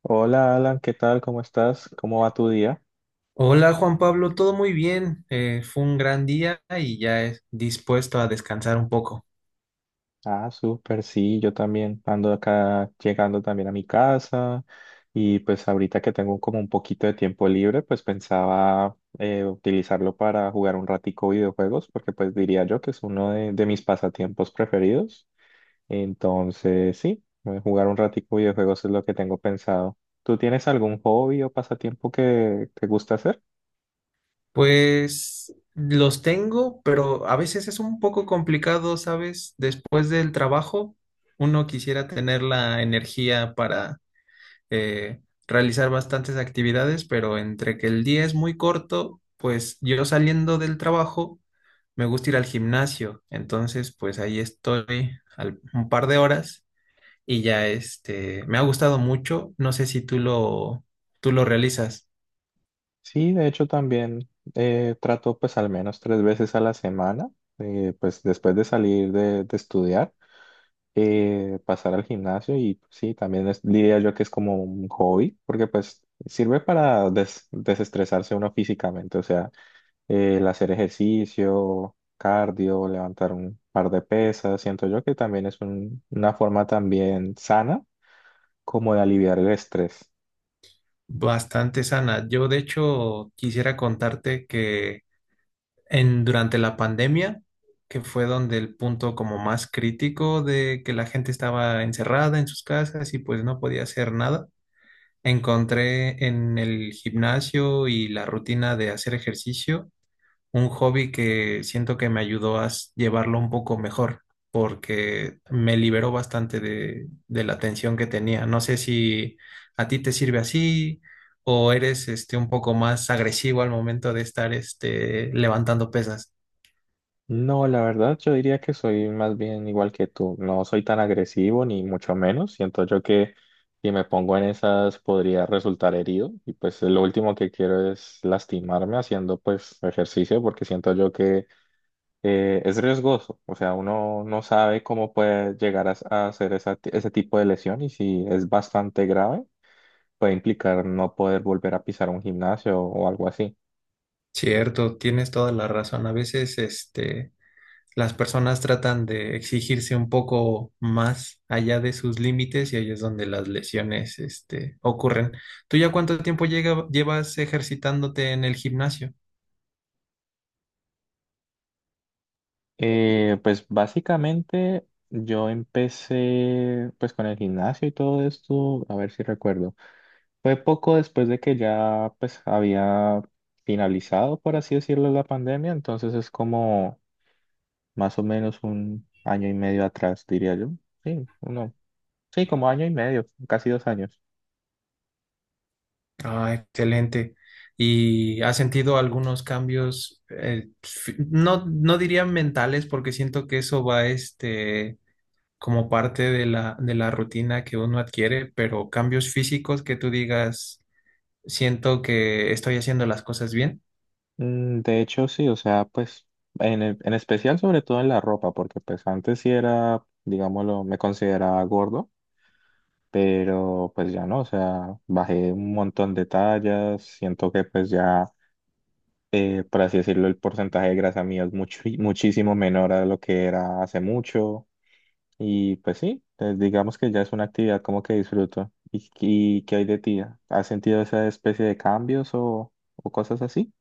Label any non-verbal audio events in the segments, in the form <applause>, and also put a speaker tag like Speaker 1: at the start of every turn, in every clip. Speaker 1: Hola Alan, ¿qué tal? ¿Cómo estás? ¿Cómo va tu día?
Speaker 2: Hola Juan Pablo, todo muy bien. Fue un gran día y ya es dispuesto a descansar un poco.
Speaker 1: Ah, súper, sí, yo también ando acá llegando también a mi casa y pues ahorita que tengo como un poquito de tiempo libre, pues pensaba utilizarlo para jugar un ratico videojuegos porque pues diría yo que es uno de mis pasatiempos preferidos. Entonces, sí, jugar un ratico videojuegos es lo que tengo pensado. ¿Tú tienes algún hobby o pasatiempo que te gusta hacer?
Speaker 2: Pues los tengo, pero a veces es un poco complicado, ¿sabes? Después del trabajo, uno quisiera tener la energía para realizar bastantes actividades, pero entre que el día es muy corto, pues yo saliendo del trabajo me gusta ir al gimnasio. Entonces, pues ahí estoy un par de horas y ya este, me ha gustado mucho. No sé si tú lo realizas
Speaker 1: Sí, de hecho también trato pues al menos 3 veces a la semana, pues después de salir de estudiar, pasar al gimnasio y pues, sí, también diría yo que es como un hobby, porque pues sirve para desestresarse uno físicamente, o sea, el hacer ejercicio, cardio, levantar un par de pesas, siento yo que también es una forma también sana como de aliviar el estrés.
Speaker 2: bastante sana. Yo de hecho quisiera contarte que durante la pandemia, que fue donde el punto como más crítico de que la gente estaba encerrada en sus casas y pues no podía hacer nada, encontré en el gimnasio y la rutina de hacer ejercicio un hobby que siento que me ayudó a llevarlo un poco mejor, porque me liberó bastante de la tensión que tenía. No sé si a ti te sirve así o eres este, un poco más agresivo al momento de estar este, levantando pesas.
Speaker 1: No, la verdad yo diría que soy más bien igual que tú. No soy tan agresivo ni mucho menos. Siento yo que si me pongo en esas podría resultar herido y pues lo último que quiero es lastimarme haciendo pues ejercicio porque siento yo que es riesgoso. O sea, uno no sabe cómo puede llegar a hacer esa ese tipo de lesión y si es bastante grave puede implicar no poder volver a pisar un gimnasio o algo así.
Speaker 2: Cierto, tienes toda la razón. A veces este, las personas tratan de exigirse un poco más allá de sus límites y ahí es donde las lesiones, este, ocurren. ¿Tú ya cuánto tiempo llevas ejercitándote en el gimnasio?
Speaker 1: Pues básicamente yo empecé pues con el gimnasio y todo esto, a ver si recuerdo. Fue poco después de que ya pues había finalizado, por así decirlo, la pandemia, entonces es como más o menos un año y medio atrás, diría yo. Sí, uno, sí, como año y medio, casi 2 años.
Speaker 2: Ah, excelente. ¿Y has sentido algunos cambios, no, no diría mentales, porque siento que eso va, este, como parte de de la rutina que uno adquiere, pero cambios físicos que tú digas, siento que estoy haciendo las cosas bien?
Speaker 1: Mm, de hecho, sí, o sea, pues en, en especial sobre todo en la ropa, porque pues antes sí era, digámoslo, me consideraba gordo. Pero pues ya no, o sea, bajé un montón de tallas, siento que pues ya, por así decirlo, el porcentaje de grasa mía es mucho, <laughs> muchísimo menor a lo que era hace mucho y pues sí, pues, digamos que ya es una actividad como que disfruto. Y qué hay de ti? ¿Has sentido esa especie de cambios o cosas así?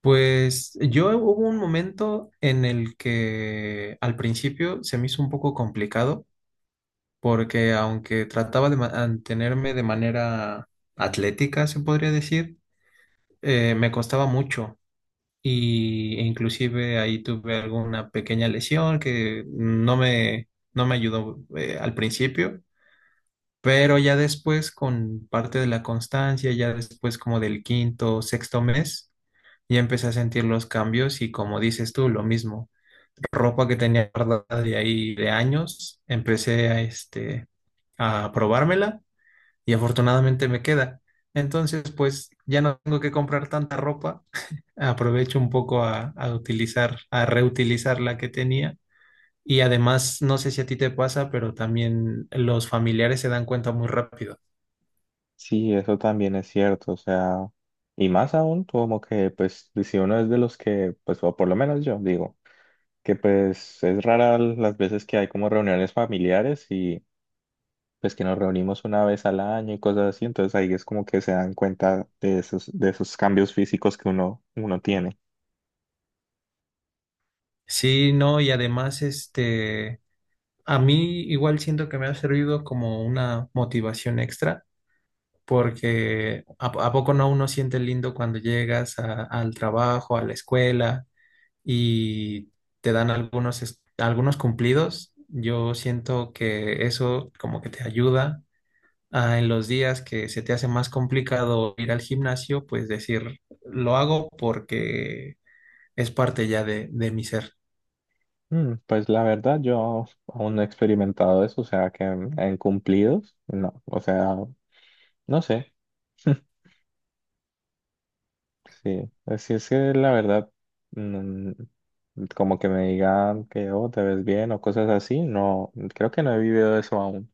Speaker 2: Pues yo hubo un momento en el que al principio se me hizo un poco complicado porque aunque trataba de mantenerme de manera atlética, se podría decir, me costaba mucho y e inclusive ahí tuve alguna pequeña lesión que no me ayudó al principio, pero ya después con parte de la constancia, ya después como del quinto, sexto mes y empecé a sentir los cambios y como dices tú, lo mismo. Ropa que tenía guardada de ahí de años, empecé a, este, a probármela y afortunadamente me queda. Entonces, pues ya no tengo que comprar tanta ropa. Aprovecho un poco a utilizar, a reutilizar la que tenía. Y además, no sé si a ti te pasa, pero también los familiares se dan cuenta muy rápido.
Speaker 1: Sí, eso también es cierto, o sea, y más aún como que pues si uno es de los que, pues o por lo menos yo digo. Que pues es rara las veces que hay como reuniones familiares y pues que nos reunimos una vez al año y cosas así, entonces ahí es como que se dan cuenta de esos cambios físicos que uno, uno tiene.
Speaker 2: Sí, no, y además, este, a mí igual siento que me ha servido como una motivación extra, porque a poco no uno siente lindo cuando llegas al trabajo, a la escuela y te dan algunos cumplidos. Yo siento que eso como que te ayuda a, en los días que se te hace más complicado ir al gimnasio, pues decir, lo hago porque es parte ya de mi ser.
Speaker 1: Mm, pues la verdad yo aún no he experimentado eso, o sea que en cumplidos, no, o sea, no sé, <laughs> sí, así es que la verdad, mm, como que me digan que oh, te ves bien o cosas así, no, creo que no he vivido eso aún.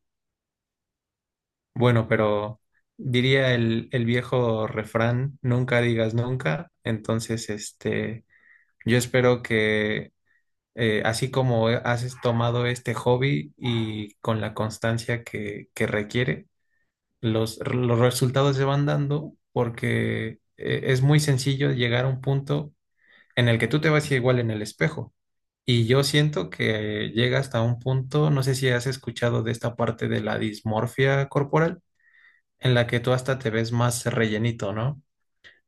Speaker 2: Bueno, pero diría el viejo refrán, nunca digas nunca. Entonces, este, yo espero que así como has tomado este hobby y con la constancia que requiere, los resultados se van dando porque es muy sencillo llegar a un punto en el que tú te vas igual en el espejo. Y yo siento que llega hasta un punto, no sé si has escuchado de esta parte de la dismorfia corporal en la que tú hasta te ves más rellenito, ¿no?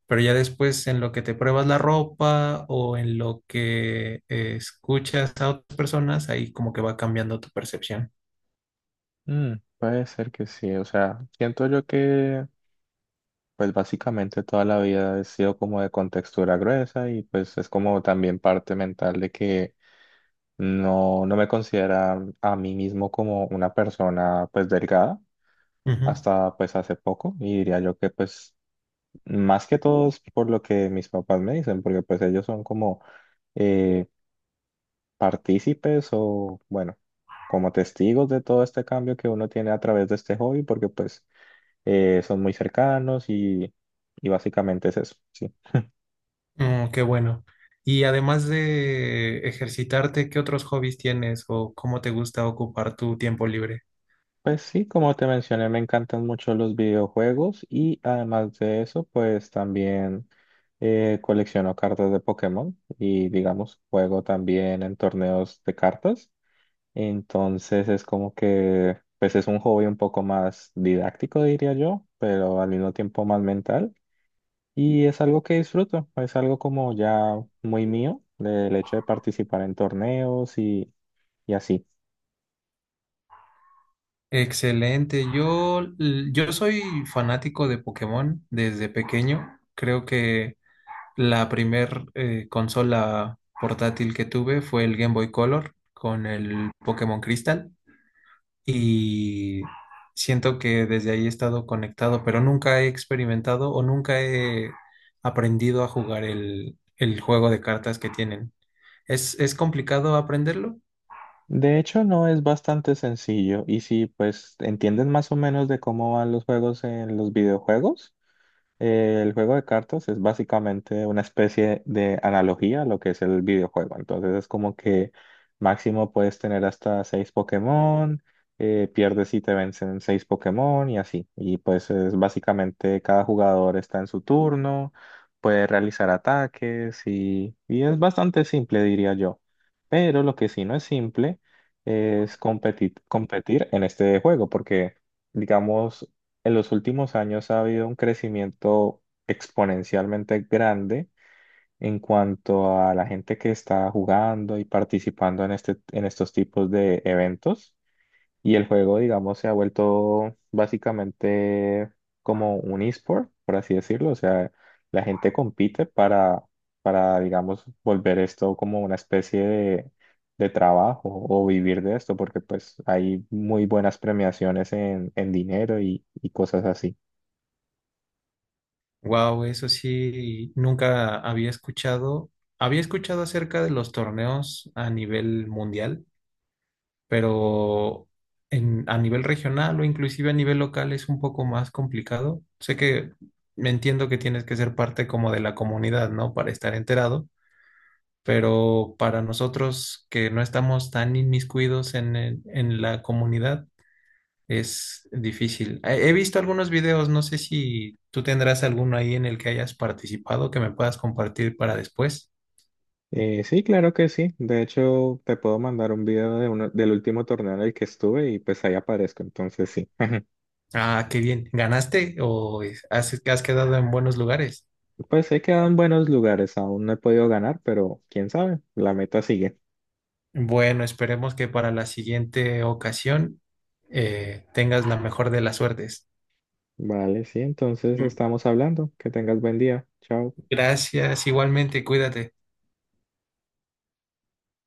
Speaker 2: Pero ya después en lo que te pruebas la ropa o en lo que escuchas a otras personas, ahí como que va cambiando tu percepción.
Speaker 1: Mm, puede ser que sí, o sea, siento yo que pues básicamente toda la vida he sido como de contextura gruesa y pues es como también parte mental de que no me considera a mí mismo como una persona pues delgada
Speaker 2: Ujú.
Speaker 1: hasta pues hace poco y diría yo que pues más que todo es por lo que mis papás me dicen, porque pues ellos son como eh, partícipes o bueno, como testigos de todo este cambio que uno tiene a través de este hobby, porque pues… son muy cercanos y básicamente es eso, sí.
Speaker 2: Mm, qué bueno. Y además de ejercitarte, ¿qué otros hobbies tienes o cómo te gusta ocupar tu tiempo libre?
Speaker 1: Pues sí, como te mencioné, me encantan mucho los videojuegos y además de eso, pues también colecciono cartas de Pokémon y digamos, juego también en torneos de cartas. Entonces es como que, pues es un hobby un poco más didáctico, diría yo, pero al mismo tiempo más mental. Y es algo que disfruto, es algo como ya muy mío, el hecho de participar en torneos y así.
Speaker 2: Excelente. Yo soy fanático de Pokémon desde pequeño. Creo que la primer consola portátil que tuve fue el Game Boy Color con el Pokémon Crystal y siento que desde ahí he estado conectado, pero nunca he experimentado o nunca he aprendido a jugar el juego de cartas que tienen. Es complicado aprenderlo?
Speaker 1: De hecho, no es bastante sencillo. Y si pues entienden más o menos de cómo van los juegos en los videojuegos, el juego de cartas es básicamente una especie de analogía a lo que es el videojuego. Entonces es como que máximo puedes tener hasta seis Pokémon, pierdes si te vencen seis Pokémon y así. Y pues es básicamente cada jugador está en su turno, puede realizar ataques y es bastante simple, diría yo. Pero lo que sí no es simple es competir, competir en este juego porque… digamos, en los últimos años ha habido un crecimiento exponencialmente grande en cuanto a la gente que está jugando y participando en este, en estos tipos de eventos. Y el juego, digamos, se ha vuelto básicamente como un esport, por así decirlo. O sea, la gente compite para, digamos, volver esto como una especie de trabajo o vivir de esto, porque pues hay muy buenas premiaciones en dinero y cosas así.
Speaker 2: Wow, eso sí, nunca había escuchado. Había escuchado acerca de los torneos a nivel mundial pero a nivel regional o inclusive a nivel local es un poco más complicado. Sé que me entiendo que tienes que ser parte como de la comunidad, ¿no? Para estar enterado, pero para nosotros que no estamos tan inmiscuidos en, en la comunidad, es difícil. He visto algunos videos, no sé si tú tendrás alguno ahí en el que hayas participado que me puedas compartir para después.
Speaker 1: Sí, claro que sí. De hecho, te puedo mandar un video de uno, del último torneo en el que estuve y pues ahí aparezco. Entonces sí. <laughs>
Speaker 2: Ah, qué bien. ¿Ganaste o has quedado en buenos lugares?
Speaker 1: Pues he quedado en buenos lugares. Aún no he podido ganar, pero quién sabe, la meta sigue.
Speaker 2: Bueno, esperemos que para la siguiente ocasión tengas la mejor de las suertes.
Speaker 1: Vale, sí, entonces
Speaker 2: Mm.
Speaker 1: estamos hablando. Que tengas buen día. Chao.
Speaker 2: Gracias, igualmente, cuídate.